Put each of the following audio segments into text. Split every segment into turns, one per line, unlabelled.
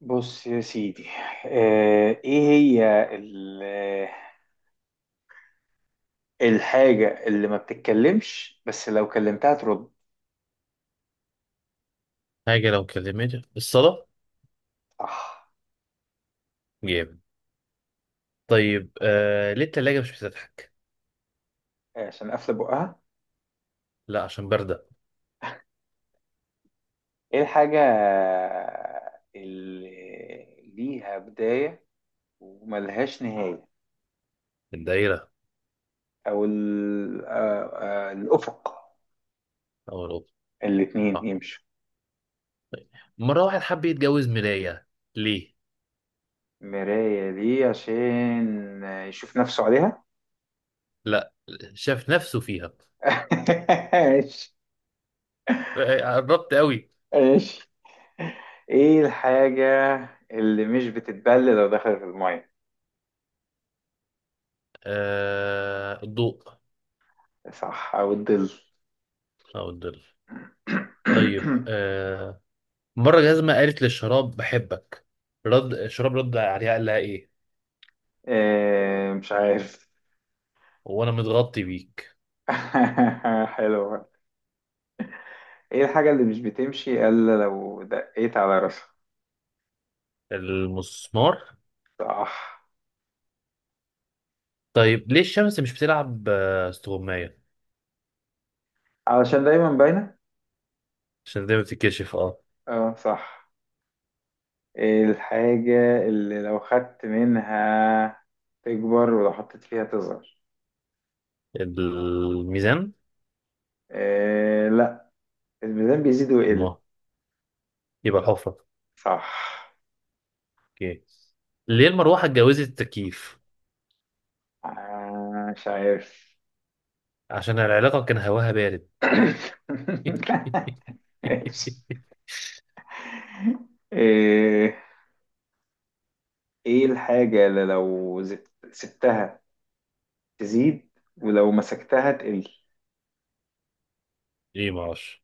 بص يا سيدي. ايه هي الحاجة اللي ما بتتكلمش بس لو كلمتها ترد؟
حاجة لو كلمت الصلاة.
صح.
جامد. طيب، ليه التلاجة مش بتضحك؟
عشان قافلة بقها.
لا، عشان باردة.
ايه الحاجة اللي ليها بداية وملهاش نهاية؟
الدايرة
او الافق.
أو الأوضة.
الاتنين
آه.
يمشوا.
مرة واحد حب يتجوز مراية. ليه؟
مراية دي عشان يشوف نفسه عليها.
لا، شاف نفسه فيها.
ماشي.
آه، آه، قربت قوي.
ماشي. ايه الحاجة اللي مش بتتبل لو دخلت المية؟
الضوء
صح، او الظل.
أو الظل. طيب، مرة جزمة قالت للشراب بحبك. رد الشراب، رد عليها، قال لها إيه؟
إيه، مش عارف.
وأنا متغطي بيك.
حلوة. ايه الحاجة اللي مش بتمشي الا لو دقيت على راسها؟
المسمار.
صح،
طيب ليه الشمس مش بتلعب استغماية؟
علشان دايما باينة.
عشان دايما بتتكشف. اه،
اه، صح. ايه الحاجة اللي لو خدت منها تكبر ولو حطيت فيها تصغر؟
الميزان
إيه، لا، الميزان بيزيد ويقل.
ما يبقى الحفرة.
صح.
اوكي. ليه المروحة اتجوزت التكييف؟
مش عارف.
عشان العلاقة كان هواها بارد.
ماشي. ايه، إيه الحاجة اللي لو سبتها تزيد ولو مسكتها تقل؟
ايه معرفش.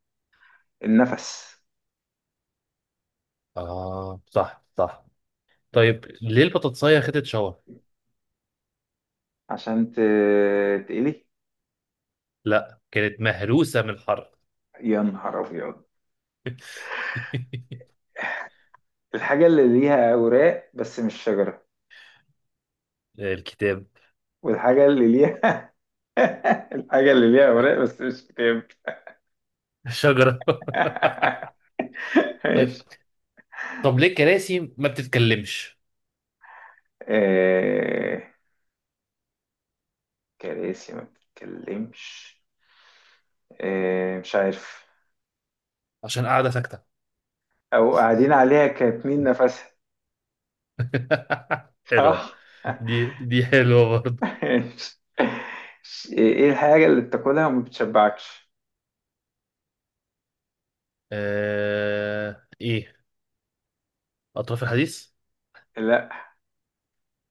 النفس.
اه، صح، صح. طيب ليه البطاطساية خدت شاور؟
عشان تقلي.
لا، كانت مهروسة من الحر.
يا نهار ابيض. الحاجة اللي ليها اوراق بس مش شجرة.
الكتاب.
والحاجة اللي ليها… الحاجة اللي ليها اوراق بس مش كتاب.
الشجرة. طيب.
ماشي.
طب ليه الكراسي ما بتتكلمش؟
إيه، كراسي ما بتتكلمش؟ إيه، مش عارف.
عشان قاعدة ساكتة.
او قاعدين عليها كاتمين نفسها.
حلوة.
اه.
دي حلوة.
ايه الحاجة اللي بتاكلها وما بتشبعكش؟
ايه اطراف الحديث.
لا،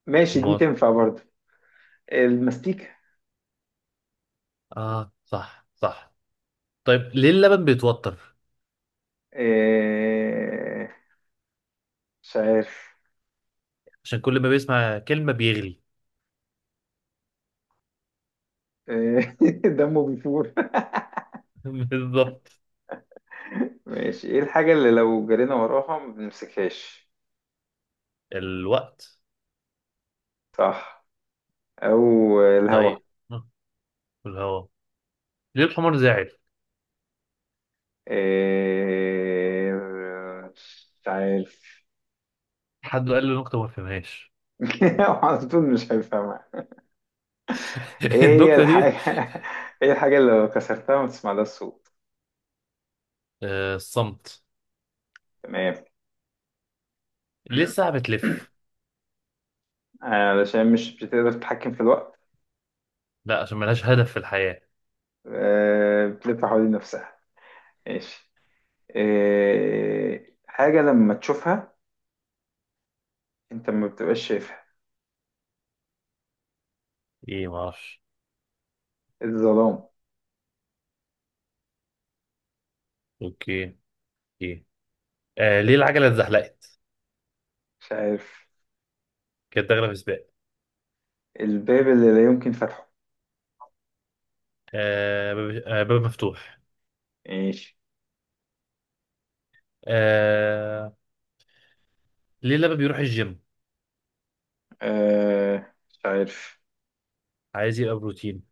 ماشي دي
امال.
تنفع برضه. المستيك.
اه، صح، صح. طيب ليه اللبن بيتوتر؟
إيه، مش عارف.
عشان كل ما بيسمع كلمة بيغلي.
إيه. دمه بيفور.
بالظبط.
ماشي. ايه الحاجة اللي لو جرينا وراها ما بنمسكهاش؟
الوقت.
صح، او الهوا.
طيب الهواء. ليه الحمار زاعل؟
إيه، مش عارف.
حد قال له نكتة ما فهمهاش.
على طول مش هيفهمها. ايه هي
النكتة
الحاجة.
دي.
ايه الحاجة اللي لو كسرتها ما تسمع لها الصوت؟
الصمت.
تمام.
ليه
آه،
الساعة بتلف؟
علشان مش بتقدر تتحكم في الوقت.
لا، عشان ملهاش هدف في الحياة.
بتلف حوالين نفسها. ماشي. آه، حاجة لما تشوفها انت ما بتبقاش شايفها.
ايه ما اعرفش.
الظلام.
اوكي. ايه. ليه العجلة اتزحلقت؟
مش عارف.
كانت داخلة في سباق.
الباب اللي لا يمكن فتحه.
باب مفتوح.
ماشي.
آه... ليه لما بيروح الجيم
مش عارف.
عايز يبقى بروتين؟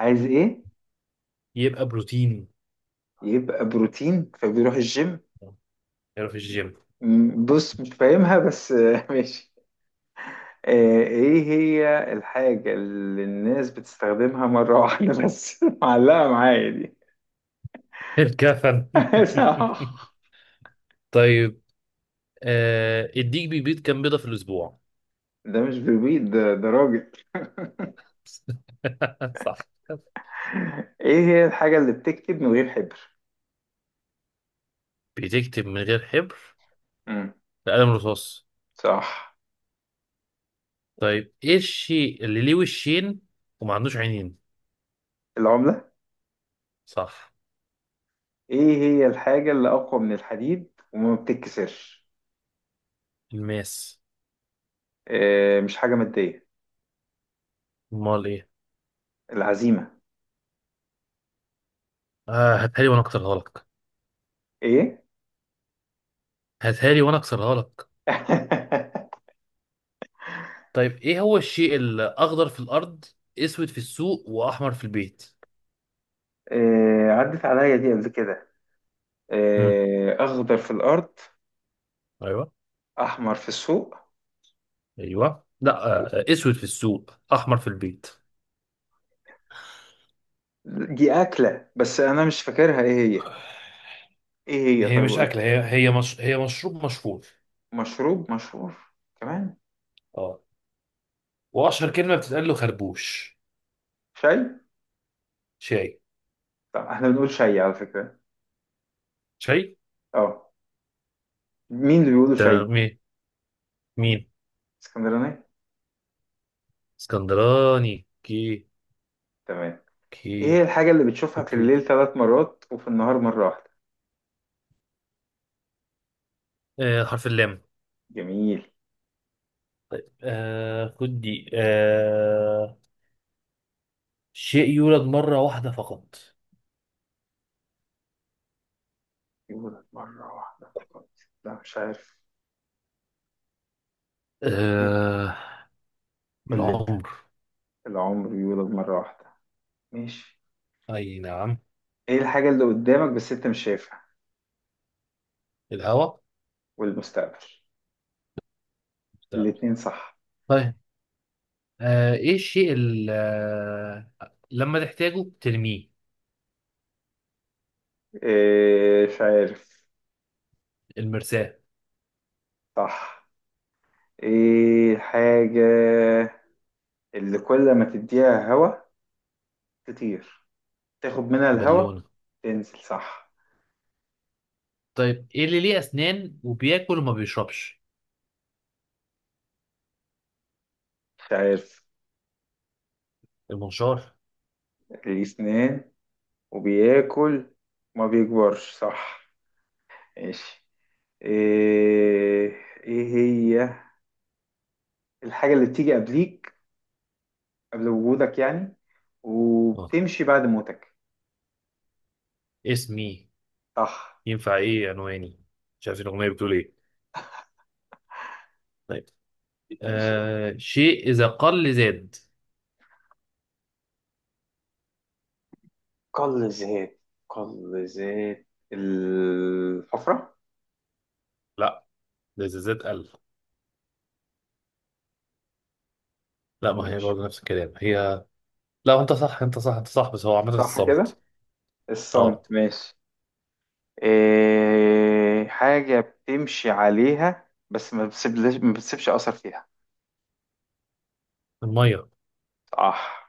عايز ايه؟
يبقى بروتين.
يبقى بروتين فبيروح الجيم.
يروح الجيم.
بص مش فاهمها بس. ماشي آه، ايه هي الحاجة اللي الناس بتستخدمها مرة واحدة بس معلقة معايا.
الكفن. طيب. الديك بيبيض كام بيضة في الأسبوع؟
ده مش بربيد ده، ده راجل.
صح.
ايه هي الحاجة اللي بتكتب من غير حبر؟
بتكتب من غير حبر؟
امم.
بقلم رصاص.
صح.
طيب ايه الشيء اللي ليه وشين وما عندوش عينين؟
العملة.
صح.
ايه هي الحاجة اللي أقوى من الحديد وما بتتكسرش؟
الماس.
إيه، مش حاجة مادية.
امال ايه؟
العزيمة.
هاتها لي وانا اكسرها لك.
ايه؟
هاتها لي وانا اكسرها لك. طيب ايه هو الشيء الاخضر في الارض، اسود في السوق واحمر في البيت؟
إيه، عدت عليا دي قبل كده.
امم.
إيه، أخضر في الأرض،
ايوه.
أحمر في السوق،
ايوه لا.
و-
اسود في السوق، احمر في البيت.
دي أكلة بس أنا مش فاكرها ايه هي. ايه هي؟
هي
طيب
مش
قول.
أكلة. هي هي مش... هي مشروب مشهور.
مشروب مشهور؟ كمان.
اه. وأشهر كلمة بتتقال له خربوش.
شاي.
شاي.
طب احنا بنقول شيء على فكرة.
شاي.
اه. مين اللي بيقولوا شيء؟
تمام. مين؟ مين؟
اسكندراني.
اسكندراني. كي.
تمام. ايه هي
كي.
الحاجة اللي بتشوفها في
اوكي.
الليل 3 مرات وفي النهار مرة واحدة؟
حرف اللام.
جميل.
خد دي. شيء يولد مرة واحدة فقط.
يولد مرة واحدة فقط؟ لا، مش عارف. ايه؟
آه
قول لي انت.
العمر.
العمر يولد مرة واحدة. ماشي.
أي نعم.
ايه الحاجة اللي قدامك بس انت مش شايفها؟
الهوا.
والمستقبل. الاتنين صح.
لا. ايه الشيء اللي لما تحتاجه ترميه.
ايه، مش عارف.
المرساة.
صح. ايه الحاجة اللي كل ما تديها هوا تطير، تاخد منها الهوا
بالونة.
تنزل؟ صح.
طيب ايه اللي ليه اسنان وبياكل وما بيشربش؟
مش عارف.
المنشار.
ليه سنان وبياكل وما بيكبرش؟ صح. ماشي. ايه، ايه هي الحاجة اللي بتيجي قبليك، قبل وجودك يعني،
اه،
وبتمشي بعد موتك؟
اسمي.
صح.
ينفع ايه عنواني. مش عارف الاغنيه بتقول ايه. طيب،
ماشي.
شيء اذا قل زاد.
قل زيت. قل زيت الحفرة.
لا، ده زيزات قال. لا، ما هي
ماشي.
برضه نفس الكلام هي. لا انت صح، انت صح، انت صح، بس هو عامه
صح كده.
الصمت.
الصمت.
اه.
ماشي. إيه، حاجة بتمشي عليها بس ما بتسيبلش ما بتسيبش أثر فيها.
المية.
صح.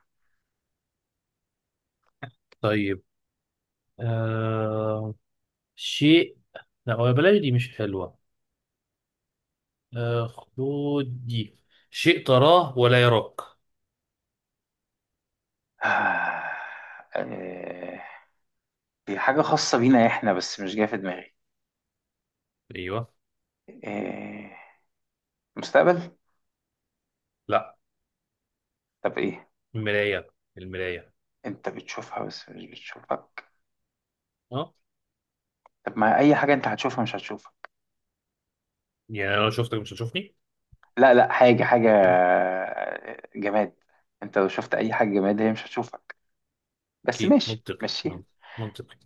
طيب. آه شيء لا هو بلاش دي مش حلوة. خدود دي. شيء تراه ولا يراك.
إيه، هي حاجة خاصة بينا إحنا بس مش جاية في دماغي.
ايوه.
إيه، مستقبل؟
لا.
طب إيه؟
المرايه. المرايه.
أنت بتشوفها بس مش بتشوفك.
اه.
طب ما أي حاجة أنت هتشوفها مش هتشوفك.
يعني انا لو شفتك مش هتشوفني.
لا، لا، حاجة، حاجة، جماد. أنت لو شفت أي حاجة جماد هي مش هتشوفك. بس
اكيد
ماشي
منطقي
مشيها.
منطقي.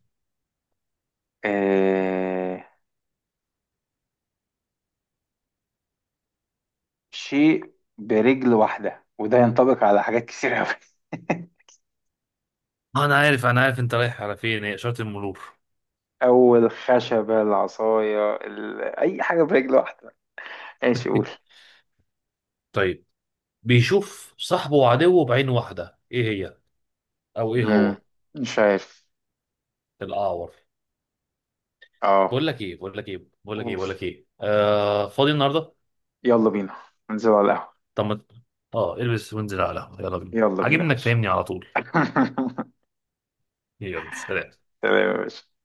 إيه، شيء برجل واحدة وده ينطبق على حاجات كتير أوي.
انا عارف، انا عارف، انت رايح على فين، هي اشاره المرور.
أول خشبة العصاية أي حاجة برجل واحدة. ماشي قول.
طيب بيشوف صاحبه وعدوه بعين واحده. ايه هي؟ او ايه
مم.
هو؟
مش عارف.
الاعور.
اه
بقول لك ايه، بقول لك ايه بقول لك ايه
قول.
بقول لك ايه فاضي النهارده.
يلا بينا ننزل على القهوة.
طب ما- اه، البس وانزل على القهوة. يلا بينا،
يلا بينا يا
عاجبنك
باشا.
فاهمني على طول. يلا سلام.
تمام يا باشا.